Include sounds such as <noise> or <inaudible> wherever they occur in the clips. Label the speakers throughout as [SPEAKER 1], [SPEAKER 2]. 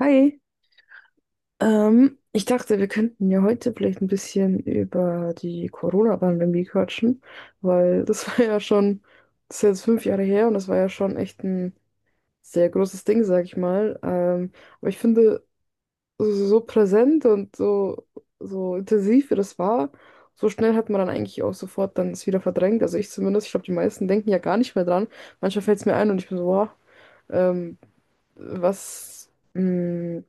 [SPEAKER 1] Hi, ich dachte, wir könnten ja heute vielleicht ein bisschen über die Corona-Pandemie quatschen, weil <laughs> das war ja schon, das ist jetzt 5 Jahre her und das war ja schon echt ein sehr großes Ding, sag ich mal. Aber ich finde, so präsent und so, so intensiv wie das war, so schnell hat man dann eigentlich auch sofort dann es wieder verdrängt. Also ich zumindest, ich glaube, die meisten denken ja gar nicht mehr dran. Manchmal fällt es mir ein und ich bin so, boah, ähm, was. mh,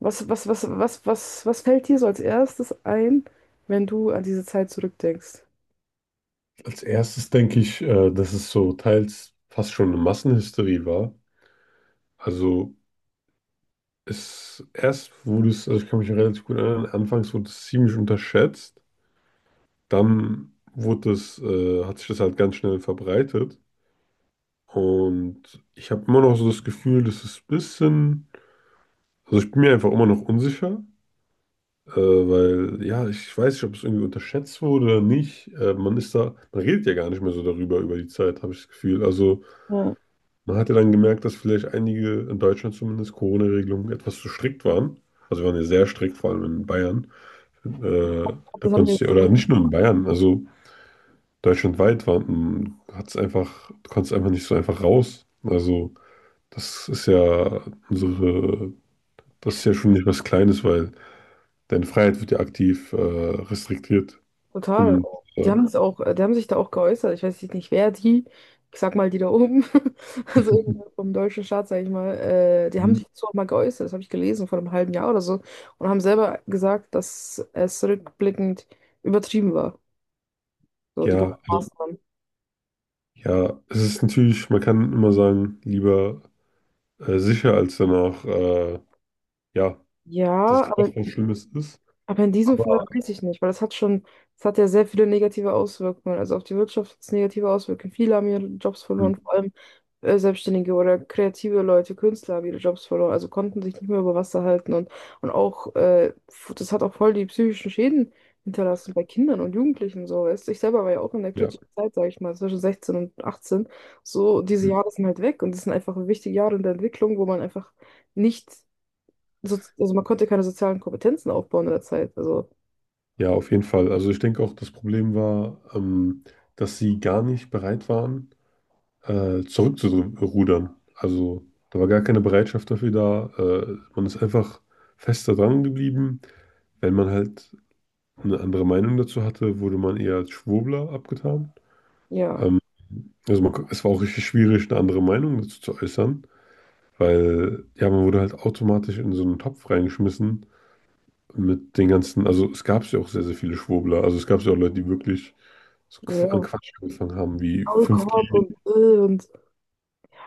[SPEAKER 1] was fällt dir so als erstes ein, wenn du an diese Zeit zurückdenkst?
[SPEAKER 2] Als erstes denke ich, dass es so teils fast schon eine Massenhysterie war. Also es erst wurde es, also ich kann mich relativ gut erinnern, anfangs wurde es ziemlich unterschätzt. Dann wurde es, hat sich das halt ganz schnell verbreitet. Und ich habe immer noch so das Gefühl, dass es ein also ich bin mir einfach immer noch unsicher, weil ja, ich weiß nicht, ob es irgendwie unterschätzt wurde oder nicht. Man ist da, man redet ja gar nicht mehr so darüber über die Zeit, habe ich das Gefühl. Also,
[SPEAKER 1] Ja.
[SPEAKER 2] man hatte dann gemerkt, dass vielleicht einige in Deutschland zumindest Corona-Regelungen etwas zu strikt waren. Also wir waren ja sehr strikt, vor allem in Bayern. Äh, Da
[SPEAKER 1] Das haben die
[SPEAKER 2] konntest du, ja, oder nicht nur in Bayern, also deutschlandweit waren, hat's einfach, du konntest einfach nicht so einfach raus. Also das ist ja unsere, das ist ja schon nicht was Kleines, weil deine Freiheit wird ja aktiv restriktiert.
[SPEAKER 1] total.
[SPEAKER 2] Und
[SPEAKER 1] Die
[SPEAKER 2] äh,
[SPEAKER 1] haben es auch, die haben sich da auch geäußert. Ich weiß jetzt nicht, wer die, ich sag mal die da oben, <laughs> also vom deutschen Staat, sag ich mal, die haben
[SPEAKER 2] mhm,
[SPEAKER 1] sich dazu auch mal geäußert. Das habe ich gelesen vor einem halben Jahr oder so und haben selber gesagt, dass es rückblickend übertrieben war. So, die ganzen
[SPEAKER 2] ja, also,
[SPEAKER 1] Maßnahmen.
[SPEAKER 2] ja, es ist natürlich, man kann immer sagen, lieber sicher als danach. Ja, dass
[SPEAKER 1] Ja,
[SPEAKER 2] es
[SPEAKER 1] aber
[SPEAKER 2] doch was Schlimmes ist.
[SPEAKER 1] Aber in diesem Fall
[SPEAKER 2] Aber
[SPEAKER 1] weiß ich nicht, weil das hat schon, das hat ja sehr viele negative Auswirkungen. Also auf die Wirtschaft hat es negative Auswirkungen. Viele haben ihre Jobs verloren,
[SPEAKER 2] hm,
[SPEAKER 1] vor allem Selbstständige oder kreative Leute, Künstler haben ihre Jobs verloren, also konnten sich nicht mehr über Wasser halten und auch, das hat auch voll die psychischen Schäden hinterlassen bei Kindern und Jugendlichen und so. Weißt du. Ich selber war ja auch in der
[SPEAKER 2] ja,
[SPEAKER 1] kritischen Zeit, sage ich mal, zwischen 16 und 18. So, diese
[SPEAKER 2] hm,
[SPEAKER 1] Jahre sind halt weg und das sind einfach wichtige Jahre in der Entwicklung, wo man einfach nicht so, also man konnte keine sozialen Kompetenzen aufbauen in der Zeit. Also
[SPEAKER 2] ja, auf jeden Fall. Also ich denke auch, das Problem war, dass sie gar nicht bereit waren, zurückzurudern. Also da war gar keine Bereitschaft dafür da. Man ist einfach fester dran geblieben. Wenn man halt eine andere Meinung dazu hatte, wurde man eher als Schwurbler abgetan.
[SPEAKER 1] ja,
[SPEAKER 2] Ähm, also man, es war auch richtig schwierig, eine andere Meinung dazu zu äußern, weil ja, man wurde halt automatisch in so einen Topf reingeschmissen mit den ganzen, also es gab ja auch sehr, sehr viele Schwurbler. Also es gab ja auch Leute, die wirklich an
[SPEAKER 1] ja.
[SPEAKER 2] Quatsch angefangen haben, wie fünf g.
[SPEAKER 1] Maulkorb und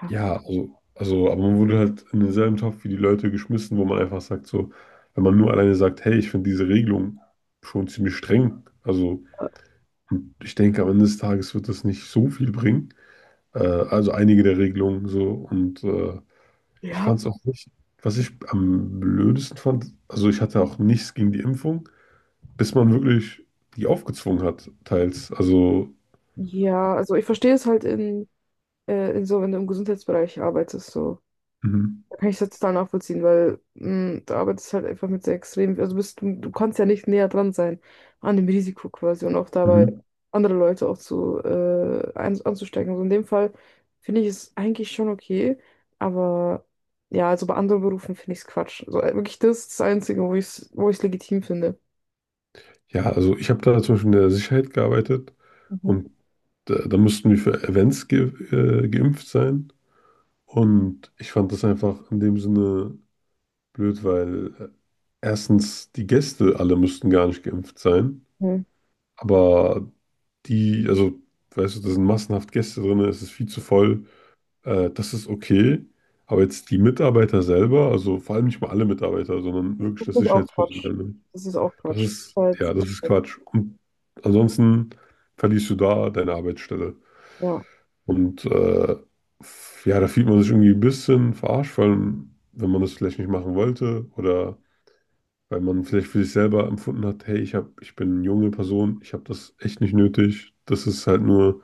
[SPEAKER 1] ja,
[SPEAKER 2] Ja, aber man wurde halt in denselben Topf wie die Leute geschmissen, wo man einfach sagt, so, wenn man nur alleine sagt, hey, ich finde diese Regelung schon ziemlich streng. Also, und ich denke, am Ende des Tages wird das nicht so viel bringen. Also einige der Regelungen so. Und ich
[SPEAKER 1] ja,
[SPEAKER 2] fand es auch nicht, was ich am blödesten fand, also ich hatte auch nichts gegen die Impfung, bis man wirklich die aufgezwungen hat, teils. Also,
[SPEAKER 1] ja. Also ich verstehe es halt in so, wenn du im Gesundheitsbereich arbeitest, so.
[SPEAKER 2] mhm.
[SPEAKER 1] Da kann ich das total nachvollziehen, weil du arbeitest halt einfach mit sehr extrem, also bist, du kannst ja nicht näher dran sein an dem Risiko quasi und auch dabei
[SPEAKER 2] Mhm,
[SPEAKER 1] andere Leute auch zu anzustecken. Also in dem Fall finde ich es eigentlich schon okay, aber ja, also bei anderen Berufen finde ich es Quatsch. Also wirklich das ist das Einzige, wo ich es legitim finde.
[SPEAKER 2] ja, also ich habe da zum Beispiel in der Sicherheit gearbeitet und da mussten wir für Events ge geimpft sein. Und ich fand das einfach in dem Sinne blöd, weil erstens die Gäste alle mussten gar nicht geimpft sein,
[SPEAKER 1] Mhm.
[SPEAKER 2] aber die, also, weißt du, da sind massenhaft Gäste drin, es ist viel zu voll. Das ist okay, aber jetzt die Mitarbeiter selber, also vor allem nicht mal alle Mitarbeiter, sondern wirklich das
[SPEAKER 1] Natürlich auch Quatsch.
[SPEAKER 2] Sicherheitspersonal, ne?
[SPEAKER 1] Das ist auch
[SPEAKER 2] Das
[SPEAKER 1] Quatsch.
[SPEAKER 2] ist,
[SPEAKER 1] Halt,
[SPEAKER 2] ja, das ist
[SPEAKER 1] äh,
[SPEAKER 2] Quatsch. Und ansonsten verlierst du da deine Arbeitsstelle.
[SPEAKER 1] ja.
[SPEAKER 2] Und ja, da fühlt man sich irgendwie ein bisschen verarscht, vor allem, wenn man das vielleicht nicht machen wollte oder weil man vielleicht für sich selber empfunden hat, hey, ich bin eine junge Person, ich habe das echt nicht nötig. Das ist halt nur,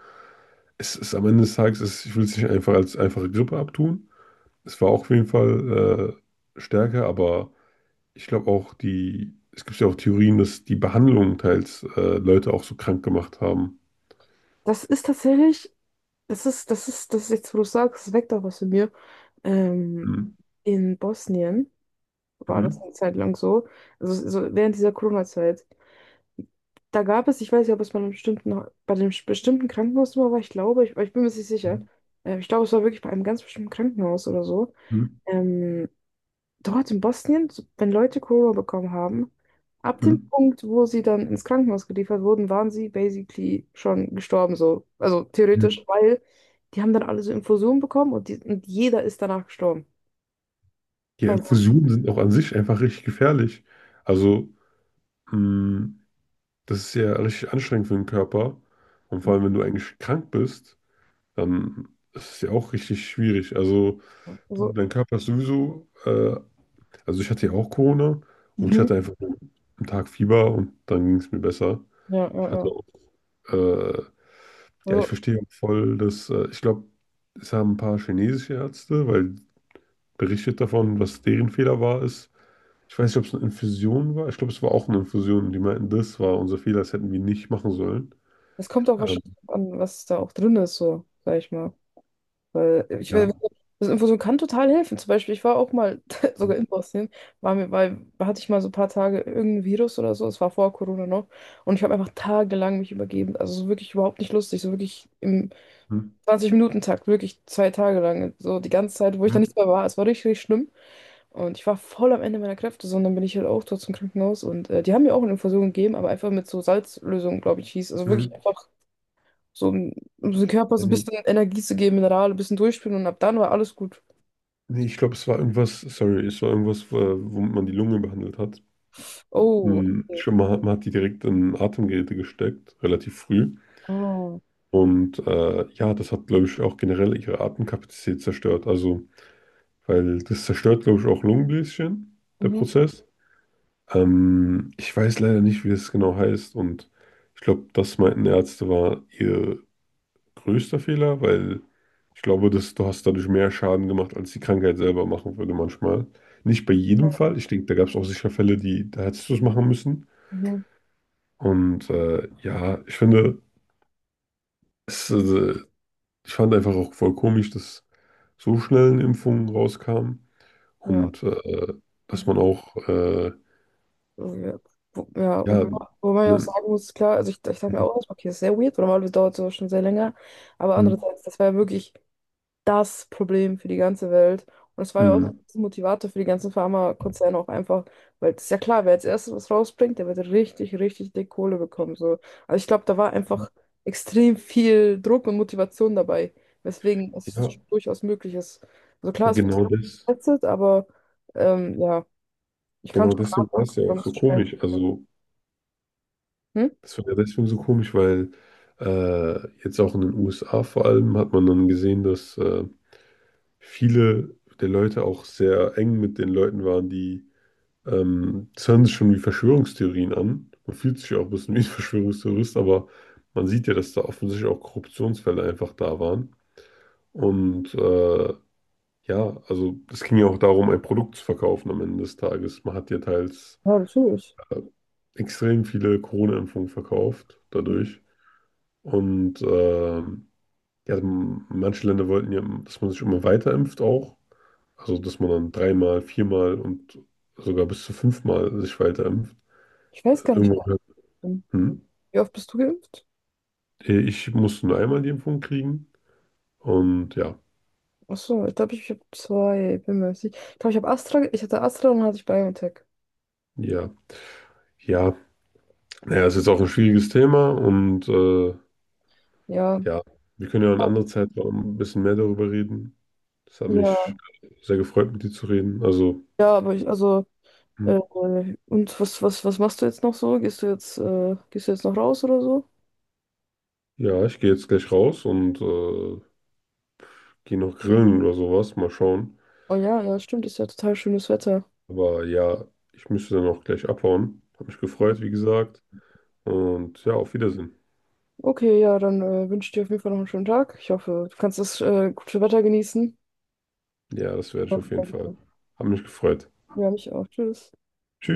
[SPEAKER 2] es ist am Ende des Tages, es, ich will es nicht einfach als einfache Grippe abtun. Es war auch auf jeden Fall stärker, aber ich glaube auch die, es gibt ja auch Theorien, dass die Behandlungen teils Leute auch so krank gemacht haben.
[SPEAKER 1] Das ist tatsächlich, das ist jetzt, wo du sagst, es weckt auch was in mir. Ähm,
[SPEAKER 2] Mhm.
[SPEAKER 1] in Bosnien war das
[SPEAKER 2] Mhm.
[SPEAKER 1] eine Zeit lang so, also so während dieser Corona-Zeit. Da gab es, ich weiß nicht, ob es bei einem bestimmten, bei dem bestimmten Krankenhaus immer war, ich glaube, ich bin mir jetzt nicht sicher. Ich glaube, es war wirklich bei einem ganz bestimmten Krankenhaus oder so.
[SPEAKER 2] Mhm.
[SPEAKER 1] Ähm, Dort in Bosnien, so- wenn Leute Corona bekommen haben, ab dem
[SPEAKER 2] Mhm.
[SPEAKER 1] Punkt, wo sie dann ins Krankenhaus geliefert wurden, waren sie basically schon gestorben, so. Also
[SPEAKER 2] Mhm.
[SPEAKER 1] theoretisch, weil die haben dann alle so Infusionen bekommen und, die, und jeder ist danach gestorben.
[SPEAKER 2] Ja,
[SPEAKER 1] Also,
[SPEAKER 2] Infusionen sind auch an sich einfach richtig gefährlich. Also, mh, das ist ja richtig anstrengend für den Körper. Und vor allem, wenn du eigentlich krank bist, dann ist es ja auch richtig schwierig. Also,
[SPEAKER 1] also
[SPEAKER 2] dein Körper ist sowieso also ich hatte ja auch Corona und ich
[SPEAKER 1] mhm.
[SPEAKER 2] hatte einfach nur einen Tag Fieber und dann ging es mir besser.
[SPEAKER 1] Ja, ja,
[SPEAKER 2] Ich hatte
[SPEAKER 1] ja.
[SPEAKER 2] auch, äh, ja, ich
[SPEAKER 1] Also,
[SPEAKER 2] verstehe auch voll, dass, ich glaube, es haben ein paar chinesische Ärzte, weil berichtet davon, was deren ist. Ich weiß nicht, ob es eine Infusion war. Ich glaube, es war auch eine Infusion. Die meinten, das war unser Fehler, das hätten wir nicht machen sollen.
[SPEAKER 1] es kommt auch
[SPEAKER 2] Ähm,
[SPEAKER 1] wahrscheinlich an, was da auch drin ist, so, sag ich mal. Weil ich, weil-
[SPEAKER 2] ja.
[SPEAKER 1] Das Infusion kann total helfen. Zum Beispiel, ich war auch mal <laughs>
[SPEAKER 2] Hm,
[SPEAKER 1] sogar in Bosnien, war mir, weil hatte ich mal so ein paar Tage irgendein Virus oder so, es war vor Corona noch. Und ich habe einfach tagelang mich übergeben. Also so wirklich überhaupt nicht lustig, so wirklich im
[SPEAKER 2] hm,
[SPEAKER 1] 20-Minuten-Takt, wirklich 2 Tage lang. So die ganze Zeit, wo ich
[SPEAKER 2] hm,
[SPEAKER 1] da nicht mehr war. Es war richtig, richtig schlimm. Und ich war voll am Ende meiner Kräfte, so, und dann bin ich halt auch dort zum Krankenhaus. Und die haben mir auch eine Infusion gegeben, aber einfach mit so Salzlösung, glaube ich, hieß. Also
[SPEAKER 2] hm.
[SPEAKER 1] wirklich einfach so, um, um dem Körper
[SPEAKER 2] Ja,
[SPEAKER 1] so ein
[SPEAKER 2] nee,
[SPEAKER 1] bisschen Energie zu geben, Minerale, ein bisschen durchspülen und ab dann war alles gut.
[SPEAKER 2] nee, ich glaube, es war irgendwas, sorry, es war irgendwas, womit man die Lunge behandelt hat.
[SPEAKER 1] Oh,
[SPEAKER 2] Hm,
[SPEAKER 1] okay.
[SPEAKER 2] man hat die direkt in Atemgeräte gesteckt, relativ früh.
[SPEAKER 1] Oh.
[SPEAKER 2] Und ja, das hat, glaube ich, auch generell ihre Atemkapazität zerstört. Also, weil das zerstört, glaube ich, auch Lungenbläschen, der
[SPEAKER 1] Mhm.
[SPEAKER 2] Prozess. Ich weiß leider nicht, wie das genau heißt. Und ich glaube, das meinten Ärzte war ihr größter Fehler, weil ich glaube, dass du hast dadurch mehr Schaden gemacht, als die Krankheit selber machen würde manchmal. Nicht bei jedem Fall. Ich denke, da gab es auch sicher Fälle, da hättest du es machen müssen.
[SPEAKER 1] Mhm.
[SPEAKER 2] Und ja, ich finde, es, äh, ich fand einfach auch voll komisch, dass so schnell eine Impfung rauskam
[SPEAKER 1] Ja.
[SPEAKER 2] und dass man auch,
[SPEAKER 1] Oh, ja, wo
[SPEAKER 2] ja,
[SPEAKER 1] wo man ja auch
[SPEAKER 2] ne,
[SPEAKER 1] sagen muss, klar, also ich dachte mir auch, erstmal, okay, das ist sehr weird, weil normalerweise dauert sowas schon sehr länger, aber
[SPEAKER 2] hm,
[SPEAKER 1] andererseits, das war ja wirklich, das Problem für die ganze Welt. Und es war ja auch
[SPEAKER 2] hm,
[SPEAKER 1] ein Motivator für die ganzen Pharmakonzerne auch einfach, weil es ist ja klar, wer als erstes was rausbringt, der wird richtig, richtig dick Kohle bekommen. So. Also ich glaube, da war einfach extrem viel Druck und Motivation dabei, weswegen es
[SPEAKER 2] ja,
[SPEAKER 1] durchaus möglich ist. Also klar,
[SPEAKER 2] aber
[SPEAKER 1] es wird
[SPEAKER 2] genau das,
[SPEAKER 1] getestet, aber ja, ich kann
[SPEAKER 2] genau
[SPEAKER 1] schon
[SPEAKER 2] deswegen war es
[SPEAKER 1] nachvollziehen,
[SPEAKER 2] ja auch
[SPEAKER 1] warum es
[SPEAKER 2] so
[SPEAKER 1] so schnell geht.
[SPEAKER 2] komisch. Also,
[SPEAKER 1] Hm?
[SPEAKER 2] das war ja deswegen so komisch, weil jetzt auch in den USA vor allem hat man dann gesehen, dass viele der Leute auch sehr eng mit den Leuten waren, die. Das hören sich schon wie Verschwörungstheorien an. Man fühlt sich ja auch ein bisschen wie ein <laughs> Verschwörungstheorist, aber man sieht ja, dass da offensichtlich auch Korruptionsfälle einfach da waren. Und ja, also es ging ja auch darum, ein Produkt zu verkaufen am Ende des Tages. Man hat ja teils
[SPEAKER 1] Ja, natürlich.
[SPEAKER 2] äh, extrem viele Corona-Impfungen verkauft dadurch. Und ja, manche Länder wollten ja, dass man sich immer weiter impft auch. Also, dass man dann dreimal, viermal und sogar bis zu fünfmal sich weiter impft.
[SPEAKER 1] Ich weiß gar nicht. ob
[SPEAKER 2] Irgendwann
[SPEAKER 1] ich bin.
[SPEAKER 2] hm.
[SPEAKER 1] Wie oft bist du geimpft?
[SPEAKER 2] Ich musste nur einmal die Impfung kriegen. Und ja,
[SPEAKER 1] Achso, ich glaube, ich habe zwei, bin mir nicht sicher. Ich glaube, ich hatte Astra und dann hatte ich BioNTech.
[SPEAKER 2] ja, ja. Naja, es ist auch ein schwieriges Thema. Und
[SPEAKER 1] Ja,
[SPEAKER 2] ja, wir können ja an anderer Zeit noch ein bisschen mehr darüber reden. Das hat
[SPEAKER 1] ja,
[SPEAKER 2] mich sehr gefreut, mit dir zu reden. Also,
[SPEAKER 1] ja, aber ich, also,
[SPEAKER 2] hm,
[SPEAKER 1] äh, und was machst du jetzt noch so? Gehst du jetzt noch raus oder so?
[SPEAKER 2] ja, ich gehe jetzt gleich raus und gehe noch grillen oder sowas. Mal schauen.
[SPEAKER 1] Oh ja, ja, stimmt, ist ja total schönes Wetter.
[SPEAKER 2] Aber ja, ich müsste dann auch gleich abhauen. Hat mich gefreut, wie gesagt. Und ja, auf Wiedersehen.
[SPEAKER 1] Okay, ja, dann wünsche ich dir auf jeden Fall noch einen schönen Tag. Ich hoffe, du kannst das gute Wetter genießen.
[SPEAKER 2] Ja, das werde ich auf
[SPEAKER 1] Und,
[SPEAKER 2] jeden Fall. Hat mich gefreut.
[SPEAKER 1] ja, mich auch. Tschüss.
[SPEAKER 2] Tschüss.